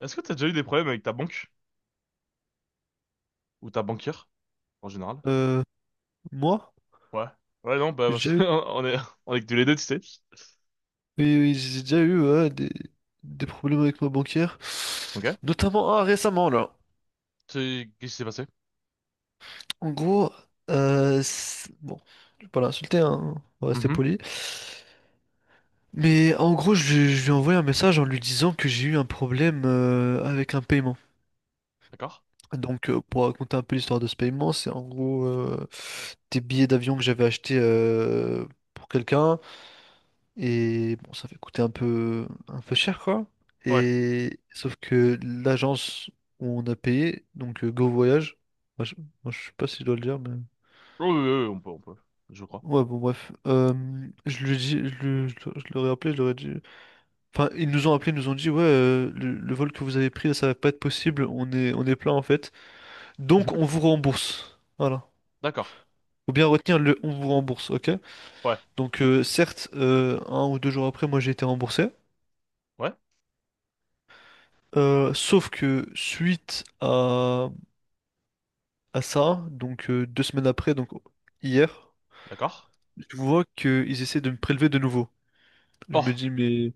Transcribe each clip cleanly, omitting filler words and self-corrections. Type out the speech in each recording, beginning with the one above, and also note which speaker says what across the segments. Speaker 1: Est-ce que t'as déjà eu des problèmes avec ta banque? Ou ta banquière, en général?
Speaker 2: Euh, Moi,
Speaker 1: Ouais. Ouais, non, bah,
Speaker 2: j'ai
Speaker 1: parce
Speaker 2: déjà
Speaker 1: qu'on
Speaker 2: eu,
Speaker 1: on est que tous les deux, tu sais.
Speaker 2: oui, oui, j'ai déjà eu, ouais, des problèmes avec ma banquière,
Speaker 1: Ok.
Speaker 2: notamment récemment là.
Speaker 1: Qu'est-ce qui s'est passé?
Speaker 2: En gros, bon, je vais pas l'insulter, hein, on va rester
Speaker 1: Mhm.
Speaker 2: poli. Mais en gros, lui je lui ai envoyé un message en lui disant que j'ai eu un problème avec un paiement.
Speaker 1: D'accord.
Speaker 2: Donc, pour raconter un peu l'histoire de ce paiement, c'est en gros des billets d'avion que j'avais achetés pour quelqu'un. Et bon, ça fait coûter un peu cher, quoi.
Speaker 1: Ouais.
Speaker 2: Et sauf que l'agence où on a payé, donc Go Voyage, moi je, moi, je sais pas si je dois le dire, mais
Speaker 1: Oui, oui, oui, on peut, on peut. Je crois.
Speaker 2: ouais, bon, bref. Je lui ai dit, je leur appelé, je leur ai dit. Enfin, ils nous ont appelé, ils nous ont dit, ouais, le vol que vous avez pris, ça va pas être possible, on est plein en fait. Donc,
Speaker 1: Mhm.
Speaker 2: on vous rembourse. Voilà.
Speaker 1: D'accord.
Speaker 2: Faut bien retenir le on vous rembourse, ok?
Speaker 1: Ouais.
Speaker 2: Donc, certes, un ou deux jours après, moi j'ai été remboursé.
Speaker 1: Ouais.
Speaker 2: Sauf que suite à ça, donc 2 semaines après, donc hier,
Speaker 1: D'accord.
Speaker 2: je vois qu'ils essaient de me prélever de nouveau. Je me
Speaker 1: Oh,
Speaker 2: dis, mais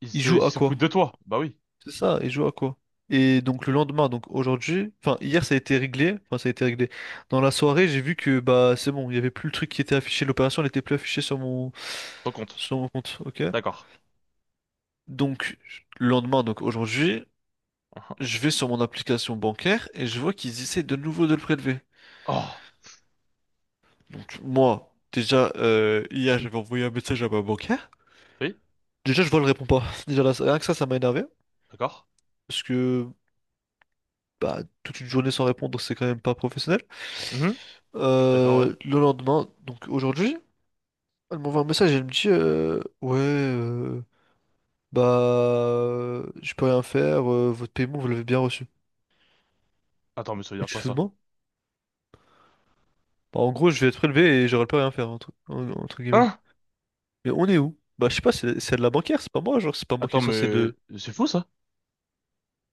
Speaker 2: ils
Speaker 1: il
Speaker 2: jouent à
Speaker 1: se
Speaker 2: quoi?
Speaker 1: fout de toi. Bah oui.
Speaker 2: C'est ça, ils jouent à quoi? Et donc le lendemain, donc aujourd'hui, enfin hier ça a été réglé, enfin ça a été réglé. Dans la soirée, j'ai vu que bah c'est bon, il y avait plus le truc qui était affiché, l'opération n'était plus affichée sur mon
Speaker 1: Ton compte.
Speaker 2: sur mon compte, ok?
Speaker 1: D'accord.
Speaker 2: Donc le lendemain, donc aujourd'hui,
Speaker 1: Uhum.
Speaker 2: je vais sur mon application bancaire et je vois qu'ils essaient de nouveau de le prélever.
Speaker 1: Oh.
Speaker 2: Donc moi, déjà, hier, j'avais envoyé un message à ma bancaire.
Speaker 1: Oui.
Speaker 2: Déjà, je vois, elle répond pas. Déjà, là, rien que ça m'a énervé.
Speaker 1: D'accord.
Speaker 2: Parce que bah, toute une journée sans répondre, c'est quand même pas professionnel.
Speaker 1: Mhm. Je suis d'accord, ouais.
Speaker 2: Le lendemain, donc aujourd'hui, elle m'envoie un message et elle me dit ouais, bah, je peux rien faire, votre paiement, vous l'avez bien reçu.
Speaker 1: Attends, mais ça veut
Speaker 2: Et
Speaker 1: dire
Speaker 2: tu te
Speaker 1: quoi,
Speaker 2: fous de
Speaker 1: ça?
Speaker 2: moi? Bah, en gros, je vais être prélevé et j'aurai pas rien faire, entre guillemets.
Speaker 1: Hein?
Speaker 2: Mais on est où? Bah, je sais pas, c'est de la bancaire, c'est pas moi, genre, c'est pas moi qui est
Speaker 1: Attends,
Speaker 2: censé
Speaker 1: mais
Speaker 2: de.
Speaker 1: c'est fou, ça?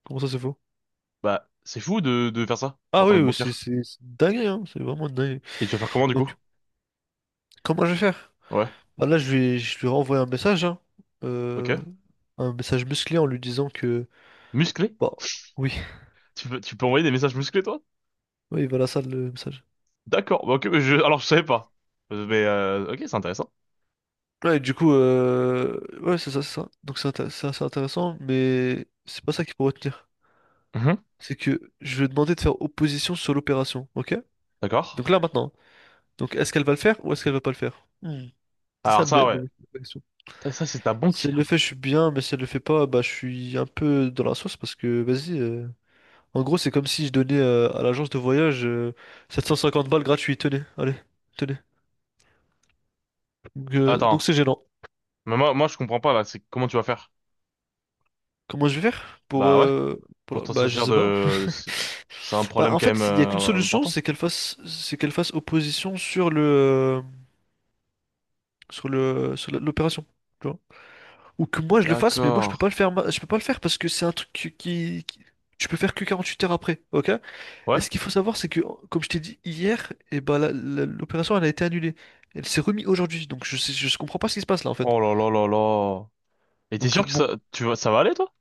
Speaker 2: Comment ça, c'est faux?
Speaker 1: Bah, c'est fou de faire ça, en
Speaker 2: Ah
Speaker 1: tant
Speaker 2: oui,
Speaker 1: que
Speaker 2: oui,
Speaker 1: banquier.
Speaker 2: c'est une hein, c'est vraiment dingue.
Speaker 1: Et tu vas faire comment, du coup?
Speaker 2: Donc, comment je vais faire?
Speaker 1: Ouais.
Speaker 2: Bah là, je lui renvoyer un message, hein, euh,
Speaker 1: Ok.
Speaker 2: un message musclé en lui disant que...
Speaker 1: Musclé?
Speaker 2: bah, oui,
Speaker 1: Tu peux envoyer des messages musclés, toi?
Speaker 2: oui, voilà ça le message.
Speaker 1: D'accord. Bah, ok, mais je, alors, je savais pas. Mais, ok, c'est intéressant.
Speaker 2: Ouais, et du coup, ouais, c'est ça, c'est ça. Donc c'est assez intéressant, mais c'est pas ça qu'il faut retenir.
Speaker 1: Mhm.
Speaker 2: C'est que je vais demander de faire opposition sur l'opération, ok?
Speaker 1: D'accord.
Speaker 2: Donc là, maintenant. Donc est-ce qu'elle va le faire ou est-ce qu'elle va pas le faire? Hmm. C'est ça
Speaker 1: Alors, ça, ouais.
Speaker 2: la question.
Speaker 1: Putain, ça, c'est ta
Speaker 2: C'est le fait,
Speaker 1: banquière.
Speaker 2: je suis bien, mais si elle le fait pas, bah je suis un peu dans la sauce parce que vas-y. En gros, c'est comme si je donnais à l'agence de voyage 750 balles gratuites. Tenez, allez, tenez. Donc
Speaker 1: Attends.
Speaker 2: c'est gênant.
Speaker 1: Mais moi, je comprends pas, là. C'est comment tu vas faire?
Speaker 2: Comment je vais faire pour,
Speaker 1: Bah, ouais. Pour t'en
Speaker 2: bah je
Speaker 1: sortir
Speaker 2: sais pas.
Speaker 1: de, c'est un
Speaker 2: Bah
Speaker 1: problème
Speaker 2: en
Speaker 1: quand même,
Speaker 2: fait, il y a qu'une solution,
Speaker 1: important.
Speaker 2: c'est qu'elle fasse opposition sur l'opération. Tu vois. Ou que moi je le fasse, mais moi je
Speaker 1: D'accord.
Speaker 2: peux pas le faire, je peux pas le faire parce que c'est un truc je peux faire que 48 heures après, ok? Et
Speaker 1: Ouais.
Speaker 2: ce qu'il faut savoir, c'est que, comme je t'ai dit hier, et bah, l'opération elle a été annulée. Elle s'est remise aujourd'hui, donc je comprends pas ce qui se passe là en fait.
Speaker 1: Oh là là là là. Et t'es
Speaker 2: Donc
Speaker 1: sûr que ça,
Speaker 2: bon,
Speaker 1: tu vas, ça va aller, toi?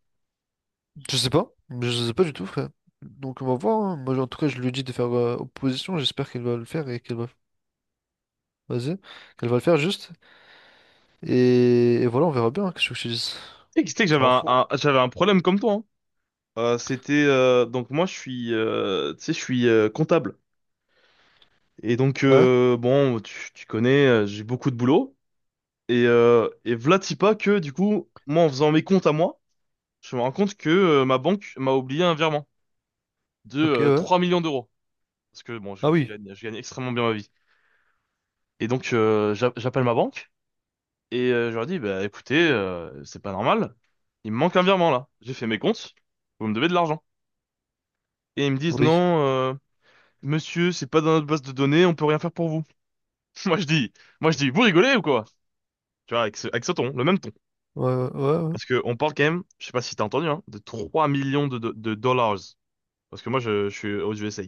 Speaker 2: je sais pas, je sais pas du tout, frère. Donc on va voir, hein. Moi, en tout cas, je lui dis de faire opposition. J'espère qu'elle va le faire et qu'elle va, vas-y, qu'elle va le faire juste. Et voilà, on verra bien, hein. Qu'est-ce que je te dise?
Speaker 1: Tu sais que
Speaker 2: Ça
Speaker 1: j'avais
Speaker 2: en fout.
Speaker 1: j'avais un problème comme toi, hein. C'était, donc moi, je suis, tu sais, je suis, comptable. Et donc,
Speaker 2: Ouais.
Speaker 1: bon, tu connais, j'ai beaucoup de boulot. Et v'là t'y pas que, du coup, moi, en faisant mes comptes à moi, je me rends compte que ma banque m'a oublié un virement de
Speaker 2: Ok, ouais.
Speaker 1: 3 millions d'euros. Parce que, bon,
Speaker 2: Ah oui.
Speaker 1: je gagne extrêmement bien ma vie. Et donc, j'appelle ma banque et je leur dis, bah, écoutez, c'est pas normal, il me manque un virement là. J'ai fait mes comptes, vous me devez de l'argent. Et ils me disent,
Speaker 2: Oui.
Speaker 1: non, monsieur, c'est pas dans notre base de données, on peut rien faire pour vous. Moi, je dis, moi, je dis, vous rigolez ou quoi? Tu vois, avec ce ton, le même ton.
Speaker 2: Ouais, ouais, ouais. Ouais,
Speaker 1: Parce que on parle quand même, je sais pas si t'as entendu, hein, de 3 millions de dollars. Parce que moi, je suis aux USA.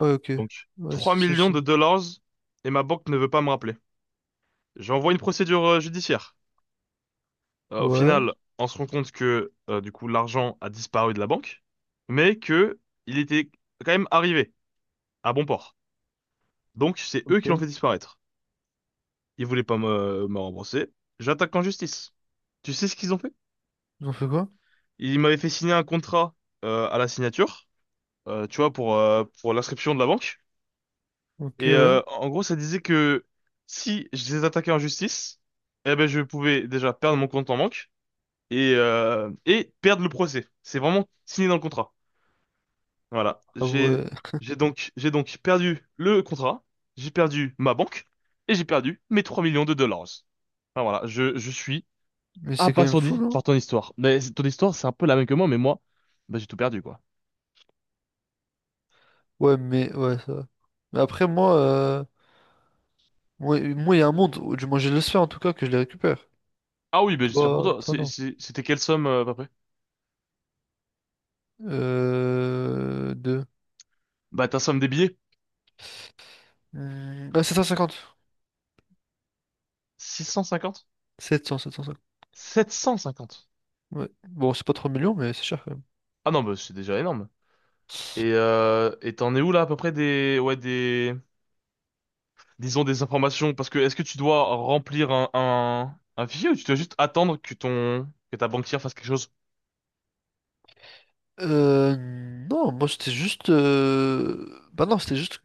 Speaker 2: ouais, ok.
Speaker 1: Donc,
Speaker 2: Ouais,
Speaker 1: 3 millions de dollars et ma banque ne veut pas me rappeler. J'envoie une procédure judiciaire. Au
Speaker 2: Ouais.
Speaker 1: final, on se rend compte que, du coup, l'argent a disparu de la banque, mais que il était quand même arrivé à bon port. Donc, c'est eux
Speaker 2: Ok.
Speaker 1: qui l'ont fait disparaître. Ils voulaient pas me, me rembourser. J'attaque en justice. Tu sais ce qu'ils ont fait?
Speaker 2: Ils ont fait quoi?
Speaker 1: Ils m'avaient fait signer un contrat, à la signature. Tu vois, pour l'inscription de la banque.
Speaker 2: Ok,
Speaker 1: Et
Speaker 2: ouais.
Speaker 1: en gros, ça disait que si je les attaquais en justice, eh ben, je pouvais déjà perdre mon compte en banque et perdre le procès. C'est vraiment signé dans le contrat. Voilà.
Speaker 2: Ah ouais.
Speaker 1: J'ai donc perdu le contrat, j'ai perdu ma banque et j'ai perdu mes 3 millions de dollars. Enfin, voilà, je suis
Speaker 2: Mais c'est quand même fou,
Speaker 1: abasourdi
Speaker 2: non?
Speaker 1: par ton histoire. Mais ton histoire, c'est un peu la même que moi, mais moi, bah, j'ai tout perdu, quoi.
Speaker 2: Ouais, mais ouais, ça va. Mais après, moi, il y a un monde, du moins, je l'espère en tout cas que je les récupère.
Speaker 1: Ah oui, bah, j'espère pour
Speaker 2: Toi,
Speaker 1: toi.
Speaker 2: toi, non.
Speaker 1: C'était quelle somme, à peu près?
Speaker 2: Deux.
Speaker 1: Bah, ta somme des billets,
Speaker 2: Hmm, ah, sept cent
Speaker 1: 650?
Speaker 2: 750.
Speaker 1: 750.
Speaker 2: Ouais. Bon, c'est pas 3 millions, mais c'est cher quand même.
Speaker 1: Ah non, bah, c'est déjà énorme. Et t'en es où là à peu près des ouais des disons des informations parce que est-ce que tu dois remplir un fichier ou tu dois juste attendre que ton que ta banquière fasse quelque chose?
Speaker 2: Euh, non, moi, c'était juste. Bah non, c'était juste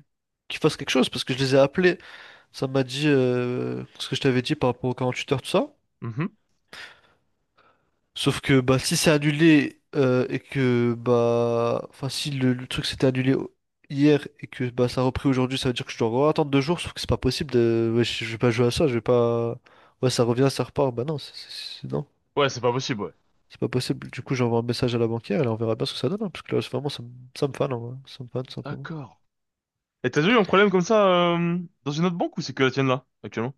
Speaker 2: qu'ils fassent quelque chose parce que je les ai appelés. Ça m'a dit ce que je t'avais dit par rapport aux 48 heures, tout ça.
Speaker 1: Mhm.
Speaker 2: Sauf que bah si c'est annulé et que bah enfin si le truc s'était annulé hier et que bah ça a repris aujourd'hui, ça veut dire que je dois encore attendre 2 jours, sauf que c'est pas possible de ouais, je vais pas jouer à ça, je vais pas ouais ça revient, ça repart, bah non, non,
Speaker 1: Ouais, c'est pas possible, ouais.
Speaker 2: c'est pas possible. Du coup j'envoie un message à la banquière et là, on verra bien ce que ça donne, hein, parce que là c'est vraiment ça, ça me fane en vrai. Ça me fane tout simplement.
Speaker 1: D'accord. Et t'as déjà eu un problème comme ça euh, dans une autre banque ou c'est que la tienne là actuellement?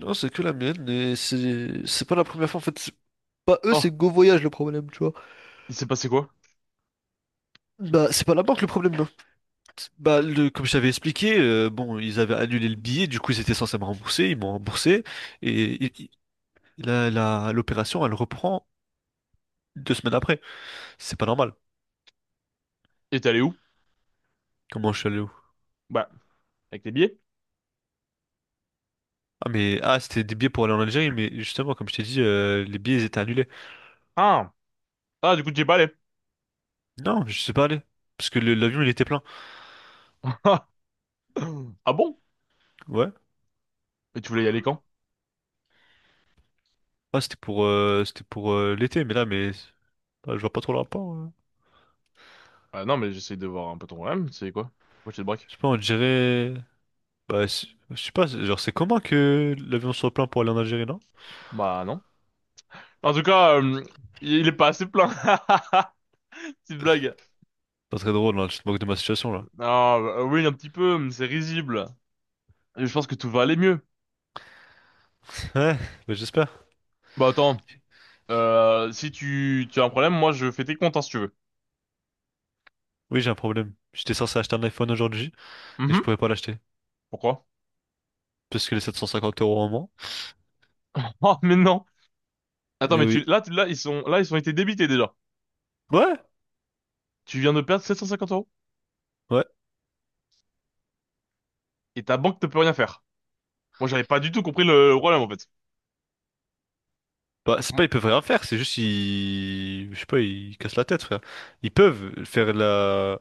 Speaker 2: Non, c'est que la mienne et c'est pas la première fois en fait, c'est pas eux,
Speaker 1: Oh,
Speaker 2: c'est Go Voyage le problème, tu vois.
Speaker 1: il s'est passé quoi?
Speaker 2: Bah c'est pas la banque le problème. Bah, comme je t'avais expliqué, bon, ils avaient annulé le billet, du coup, ils étaient censés me rembourser, ils m'ont remboursé, et l'opération, elle reprend 2 semaines après. C'est pas normal.
Speaker 1: Et t'es allé où?
Speaker 2: Comment je suis allé où?
Speaker 1: Bah, avec les billets.
Speaker 2: Ah, mais, c'était des billets pour aller en Algérie, mais justement, comme je t'ai dit, les billets, ils étaient annulés.
Speaker 1: Ah, ah du coup tu es pas allé.
Speaker 2: Non, je sais pas aller, parce que l'avion, il était plein.
Speaker 1: Ah bon?
Speaker 2: Ouais,
Speaker 1: Et tu voulais y aller quand?
Speaker 2: c'était pour l'été, mais là, je vois pas trop le rapport.
Speaker 1: Ah non, mais j'essaie de voir un peu ton problème. C'est quoi? Pourquoi tu te braques?
Speaker 2: Je sais pas, on dirait, bah, je sais pas, genre, c'est comment que l'avion soit plein pour aller en Algérie, non?
Speaker 1: Bah non. En tout cas, il est pas assez plein. Petite blague.
Speaker 2: Pas très drôle, là, je te moque de ma situation,
Speaker 1: Non,
Speaker 2: là.
Speaker 1: bah, oui, un petit peu, mais c'est risible. Et je pense que tout va aller mieux.
Speaker 2: Ouais, bah j'espère.
Speaker 1: Bah attends, si tu, tu as un problème, moi je fais tes comptes hein, si tu veux.
Speaker 2: Oui, j'ai un problème. J'étais censé acheter un iPhone aujourd'hui et je
Speaker 1: Mhm.
Speaker 2: pouvais pas l'acheter.
Speaker 1: Pourquoi?
Speaker 2: Parce que les 750 € en moins.
Speaker 1: Oh, mais non. Attends,
Speaker 2: Et
Speaker 1: mais
Speaker 2: oui.
Speaker 1: là, ils sont, là, ils ont été débités déjà.
Speaker 2: Ouais,
Speaker 1: Tu viens de perdre 750 euros
Speaker 2: ouais.
Speaker 1: et ta banque ne peut rien faire. Moi, j'avais pas du tout compris le problème en fait.
Speaker 2: Bah, c'est
Speaker 1: Mm.
Speaker 2: pas ils peuvent rien faire, c'est juste ils. Je sais pas, ils cassent la tête, frère. Ils peuvent faire la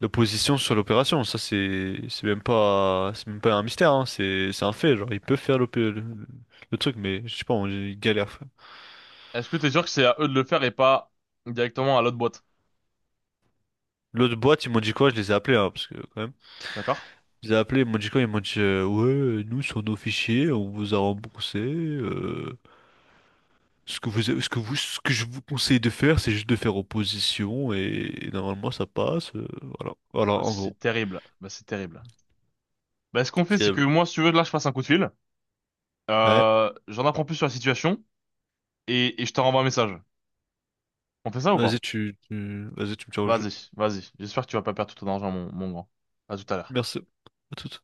Speaker 2: l'opposition sur l'opération. Ça, c'est même pas un mystère, hein. C'est un fait. Genre, ils peuvent faire le truc, mais je sais pas, ils galèrent, frère.
Speaker 1: Est-ce que t'es sûr que c'est à eux de le faire et pas directement à l'autre boîte?
Speaker 2: L'autre boîte, ils m'ont dit quoi? Je les ai appelés, hein, parce que quand même.
Speaker 1: D'accord?
Speaker 2: Ils ont appelé, ils m'ont dit quoi? Ils m'ont dit ouais, nous sur nos fichiers, on vous a remboursé. Ce que je vous conseille de faire, c'est juste de faire opposition et normalement ça passe. Voilà, voilà,
Speaker 1: Ah,
Speaker 2: en gros.
Speaker 1: c'est terrible. Bah, c'est terrible. Bah, ce qu'on fait, c'est que
Speaker 2: Diable.
Speaker 1: moi, si tu veux, là, je passe un coup de fil.
Speaker 2: Ouais.
Speaker 1: J'en apprends plus sur la situation et je te renvoie un message. On fait ça ou pas?
Speaker 2: Vas-y, vas-y, tu me tiens au jeu.
Speaker 1: Vas-y, vas-y. J'espère que tu vas pas perdre tout ton argent, mon grand. À tout à l'heure.
Speaker 2: Merci. À toute.